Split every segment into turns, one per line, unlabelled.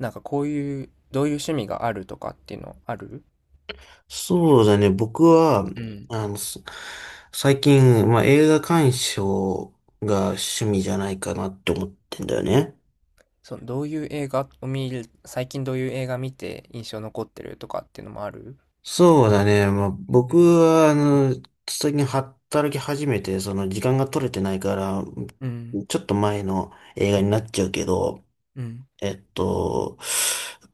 なんかこういう、どういう趣味があるとかっていうのある？
そうだね。僕は、
うん。
あの、す最近、まあ、映画鑑賞が趣味じゃないかなって思ってんだよね。
そのどういう映画を見る、最近どういう映画見て印象残ってるとかっていうのもある？
そうだね。まあ、
う
僕
ん。
は、最近働き始めて、その時間が取れてないから、
うん。
ちょっと前の映画になっちゃうけど、
うん。
えっと、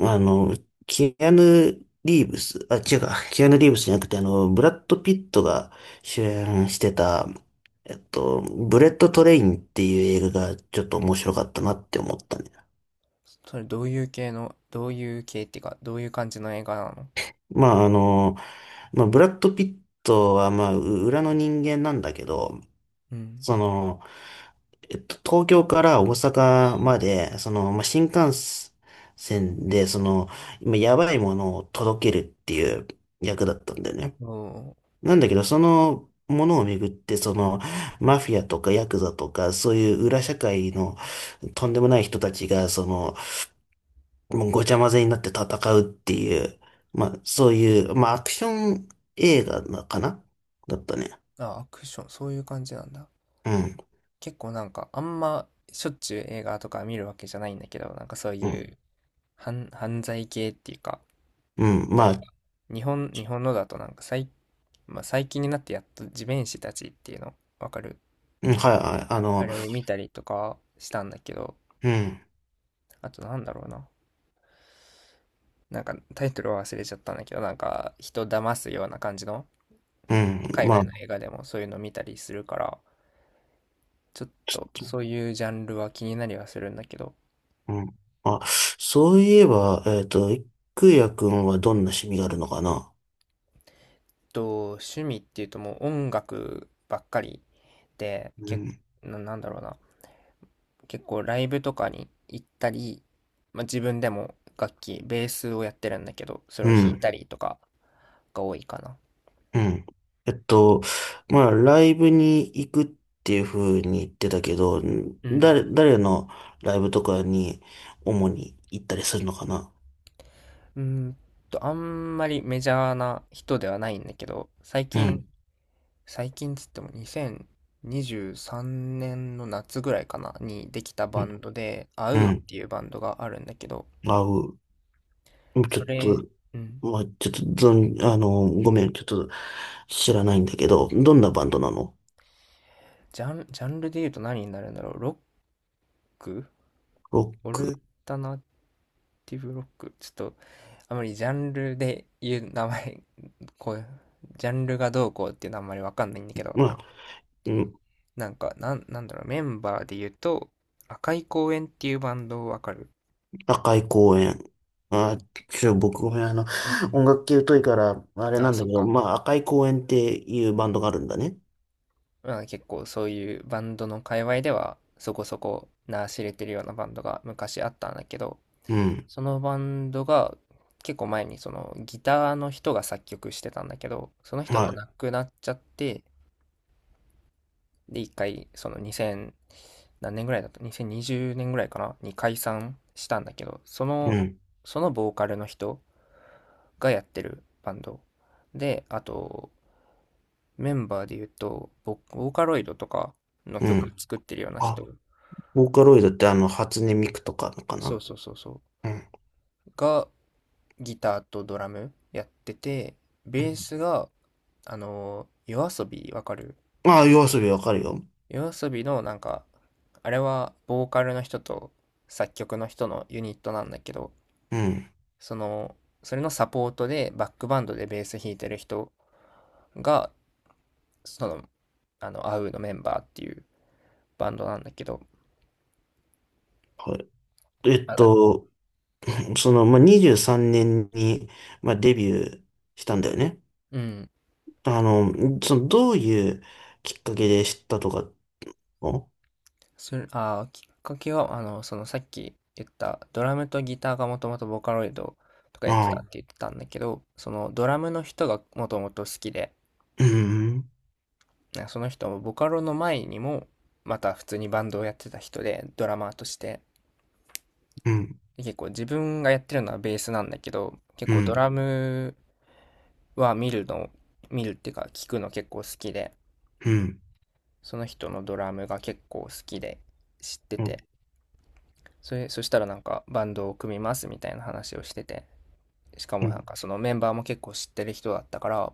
あの、キアヌ・リーブス、あ、違うか、キアヌ・リーブスじゃなくて、ブラッド・ピットが主演してた、ブレ
うん。
ット・トレインっていう映画がちょっと面白かったなって思ったね。
それどういう系の、どういう系っていうか、どういう感じの映画なの？
まあ、まあ、ブラッド・ピットは、まあ、裏の人間なんだけど、
うん。
その、えっと、東京から大阪まで、その、まあ、新幹線で、その、今、やばいものを届けるっていう役だったんだよね。
おー。
なんだけど、そのものをめぐって、その、マフィアとかヤクザとか、そういう裏社会のとんでもない人たちが、その、もうごちゃ混ぜになって戦うっていう、まあ、そういう、まあ、アクション映画なかなだったね。
あ、アクション、そういう感じなんだ。
うん、
結構なんか、あんましょっちゅう映画とか見るわけじゃないんだけど、なんかそう
う
い
ん、
う犯罪系っていうか、
うん、
例え
ま
ば、
あ、
日
ち
本のだとなんかまあ、最近になってやっと地面師たちっていうのわかる？
うん、はい、はい、
あれを見たりとかしたんだけど、
うん。
あとなんだろうな、なんかタイトルは忘れちゃったんだけどなんか人騙すような感じの
うん。
海
まあ、
外の映画でもそういうの見たりするから、ちょっ
ち
と
ょっと、
そういうジャンルは気になりはするんだけど、
うん。あ、そういえば、いくやくんはどんな趣味があるのかな？
と趣味っていうともう音楽ばっかりで
う
け
ん。
ななんだろうな、結構ライブとかに行ったり、まあ、自分でも楽器ベースをやってるんだけどそれ
う
を弾い
ん。
たりとかが多いかな。
うん。えっと、まあ、ライブに行くっていうふうに言ってたけど、
うん。
誰のライブとかに主に行ったりするのかな？
うーんと、あんまりメジャーな人ではないんだけど、最
う
近、
ん。
最近つっても2023年の夏ぐらいかな、にできた
う
バ
ん。
ンドで、アウ
う
ーっ
ん。
ていうバンドがあるんだけど、
あう。ちょ
そ
っ
れ、
と、
うん、
まあ、ちょっと、どん、あの、ごめん、ちょっと知らないんだけど、どんなバンドなの？
ジャンルで言うと何になるんだろう、ロック
ロッ
オ
ク。
ルタナティブロックちょっと、あまりジャンルで言う名前、こう、ジャンルがどうこうっていうのはあんまりわかんないんだけど、
まあ、うん、
なんか、なんだろう、メンバーで言うと、赤い公園っていうバンドわかる？
高い公園。まあ、僕ごめん、音楽系疎いから、あれな
あ、
んだ
そっ
けど、
か。
まあ、赤い公園っていうバンドがあるんだね。
まあ、結構そういうバンドの界隈では、そこそこ名知れてるようなバンドが昔あったんだけど、
うん。
そのバンドが結構前にそのギターの人が作曲してたんだけど、その人が
は
亡くなっちゃって、で、一回その2000、何年ぐらいだった2020年ぐらいかなに解散したんだけど、そ
い。う
の、
ん。
そのボーカルの人がやってるバンド。で、あと、メンバーで言うと、ボーカロイドとかの
う
曲
ん。
作ってるような人、
あ、ボーカロイドって初音ミクとかのか
そ
な？
うそうそうそ
うん。
う、がギターとドラムやってて、ベースが、あの夜遊びわかる？
ああ、夜遊びわかるよ。
夜遊びのなんか、あれはボーカルの人と作曲の人のユニットなんだけど、
うん。
その、それのサポートでバックバンドでベース弾いてる人が、その、アウのメンバーっていうバンドなんだけど、
はい。えっ
あ、
と、その、まあ、23年に、まあ、デビューしたんだよね。
うん。
あの、その、どういうきっかけで知ったとかの、
それ、きっかけは、あの、そのさっき言ったドラムとギターがもともとボカロイドとかやって
あ
たっ
あ、
て言ってたんだけど、そのドラムの人がもともと好きで、
うん、
なんかその人もボカロの前にも、また普通にバンドをやってた人で、ドラマーとして。
うん、
で結構自分がやってるのはベースなんだけど、結
う
構ド
ん、
ラムは見るの、見るっていうか聞くの結構好きで、
うん。
その人のドラムが結構好きで知って
うん、
て、それ、そしたらなんかバンドを組みますみたいな話をしてて、しかもなんかそのメンバーも結構知ってる人だったから、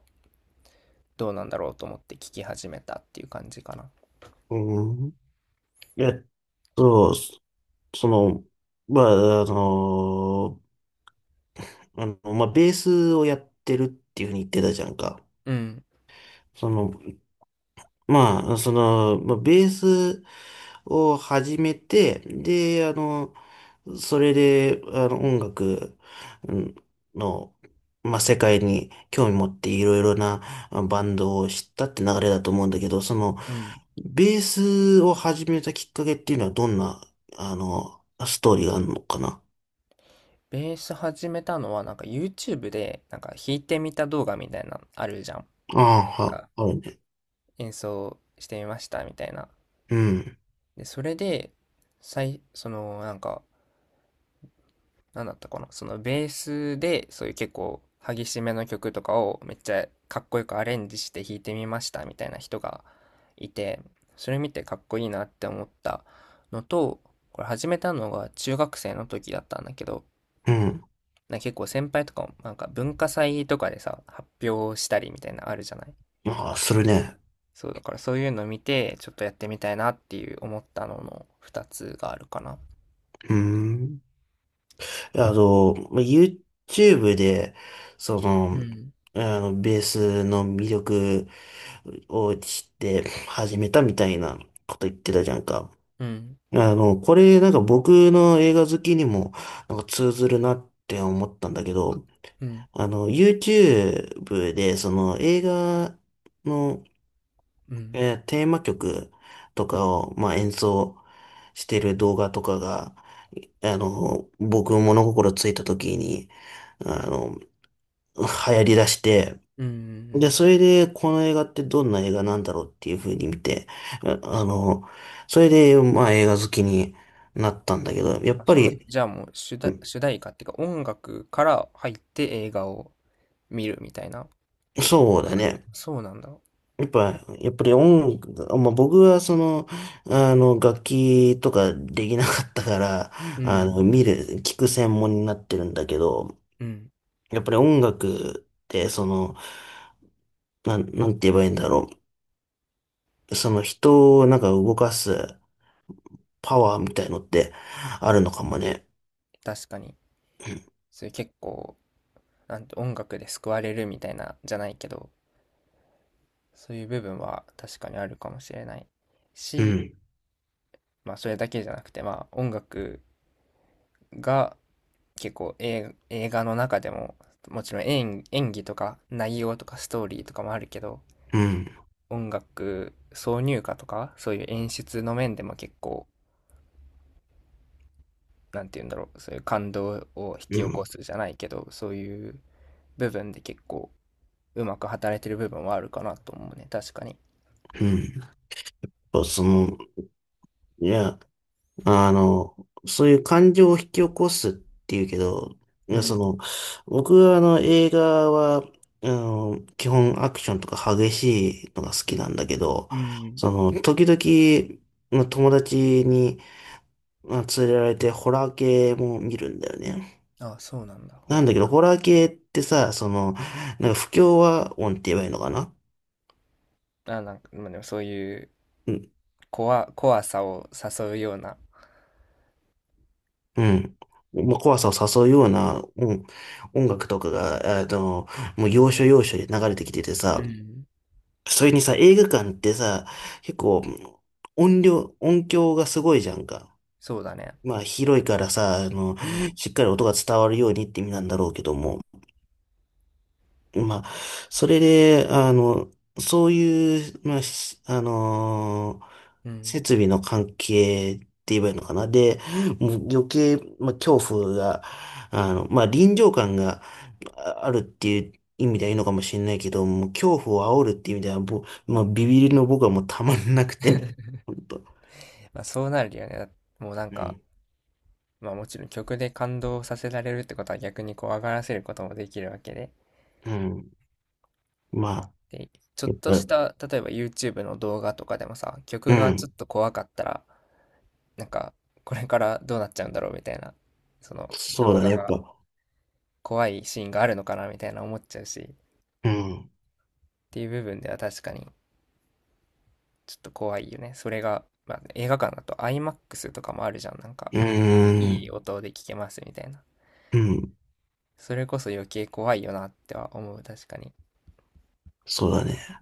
どうなんだろうと思って聞き始めたっていう感じかな。
うん、うん、えっと、そその、まあ、まあ、ベースをやってるっていうふうに言ってたじゃんか。
うん。
その、まあ、その、まあ、ベースを始めて、で、それで、音楽、うん、の、まあ、世界に興味持っていろいろなバンドを知ったって流れだと思うんだけど、その、
うん。
ベースを始めたきっかけっていうのはどんな、ストーリーがあるのかな？
ベース始めたのはなんか YouTube でなんか弾いてみた動画みたいなのあるじゃん。なん
ああ、は、
か
あるね。
演奏してみましたみたいな。
うん、
で、それで、そのなんかなんだったかな、そのベースで、そういう結構激しめの曲とかをめっちゃかっこよくアレンジして弾いてみましたみたいな人がいて、それ見てかっこいいなって思ったのと、これ始めたのが中学生の時だったんだけど、
うん。
なんか結構先輩とかもなんか文化祭とかでさ、発表したりみたいなあるじゃない？
ああ、するね。
そう、だからそういうの見て、ちょっとやってみたいなっていう思ったのの2つがあるかな。
うん。まあ YouTube で、その、ベースの魅力を知って始めたみたいなこと言ってたじゃんか。
うん、
これなんか僕の映画好きにもなんか通ずるなって思ったんだけど、
うん、
YouTube で、その映画の、
うん、
テーマ曲とかを、まあ、演奏してる動画とかが、僕物心ついた時に、あの、流行り出して、
うん、うん、う
で、
ん。
それで、この映画ってどんな映画なんだろうっていう風に見て、ああの、それで、まあ、映画好きになったんだけど、やっ
あ、
ぱ
そうなんだ。
り、
じゃあもう
うん、
主題歌っていうか音楽から入って映画を見るみたいな
そうだ
感じ。
ね。
そうなんだ。
やっぱり、まあ、僕はその、楽器とかできなかったから、
うん。
見る、聞く専門になってるんだけど、
うん。
やっぱり音楽って、その、なんて言えばいいんだろう。その人をなんか動かすパワーみたいのってあるのか
う
も
ん、
ね。
確かに。そういう結構、なんて音楽で救われるみたいなじゃないけど、そういう部分は確かにあるかもしれない
う
し、
ん、
まあそれだけじゃなくて、まあ音楽が結構映画の中でも、もちろん演技とか内容とかストーリーとかもあるけど、
うん、
音楽挿入歌とかそういう演出の面でも結構なんて言うんだろう、そういう感動を引き
う
起こ
ん、
すじゃないけどそういう部分で結構うまく働いてる部分はあるかなと思うね、確かに。
うん。そうその、いや、あの、そういう感情を引き起こすっていうけど、い
う
やそ
ん。
の、僕はあの映画は、基本アクションとか激しいのが好きなんだけど、
うん。
その、時々、まあ、友達に、まあ、連れられてホラー系も見るんだよね。
あ、そうなんだ。
なんだけど、ホラー系ってさ、その、なんか不協和音って言えばいいのかな？
あ、なんか、まあ、でもそういう怖さを誘うような、
うん。まあ、怖さを誘うような、うん、音楽とかが、もう要所要所で流れてきてて
う
さ、
ん、
それにさ、映画館ってさ、結構音量、音響がすごいじゃんか。
そうだね、
まあ広いからさ、
うん、
しっかり音が伝わるようにって意味なんだろうけども、まあ、それで、そういう、まあ、しあのー
うん、
設備の関係って言えばいいのかな。で、もう余計、まあ、恐怖が、まあ、臨場感があるっていう意味ではいいのかもしれないけど、もう恐怖を煽るっていう意味では、まあ、ビビりの僕はもうたまんなくて、本当。
まあそうなるよねもうなん
う
か、
ん、
まあもちろん曲で感動させられるってことは逆に怖がらせることもできるわけで、
うん。まあ、
で、ちょっ
やっ
と
ぱ
し
り、
た、例えば YouTube の動画とかでもさ、
う
曲がちょっ
ん。
と怖かったら、なんか、これからどうなっちゃうんだろうみたいな、その
そう
動
だね、
画
やっ
が
ぱ。
怖いシーンがあるのかなみたいな思っちゃうし、っ
うん、う
ていう部分では確かにちょっと怖いよね。それが、まあ、映画館だと IMAX とかもあるじゃん。なんか、
ー
いい
ん、
音で聞けますみたいな。
うん、
それこそ余計怖いよなっては思う、確かに。
そうだね。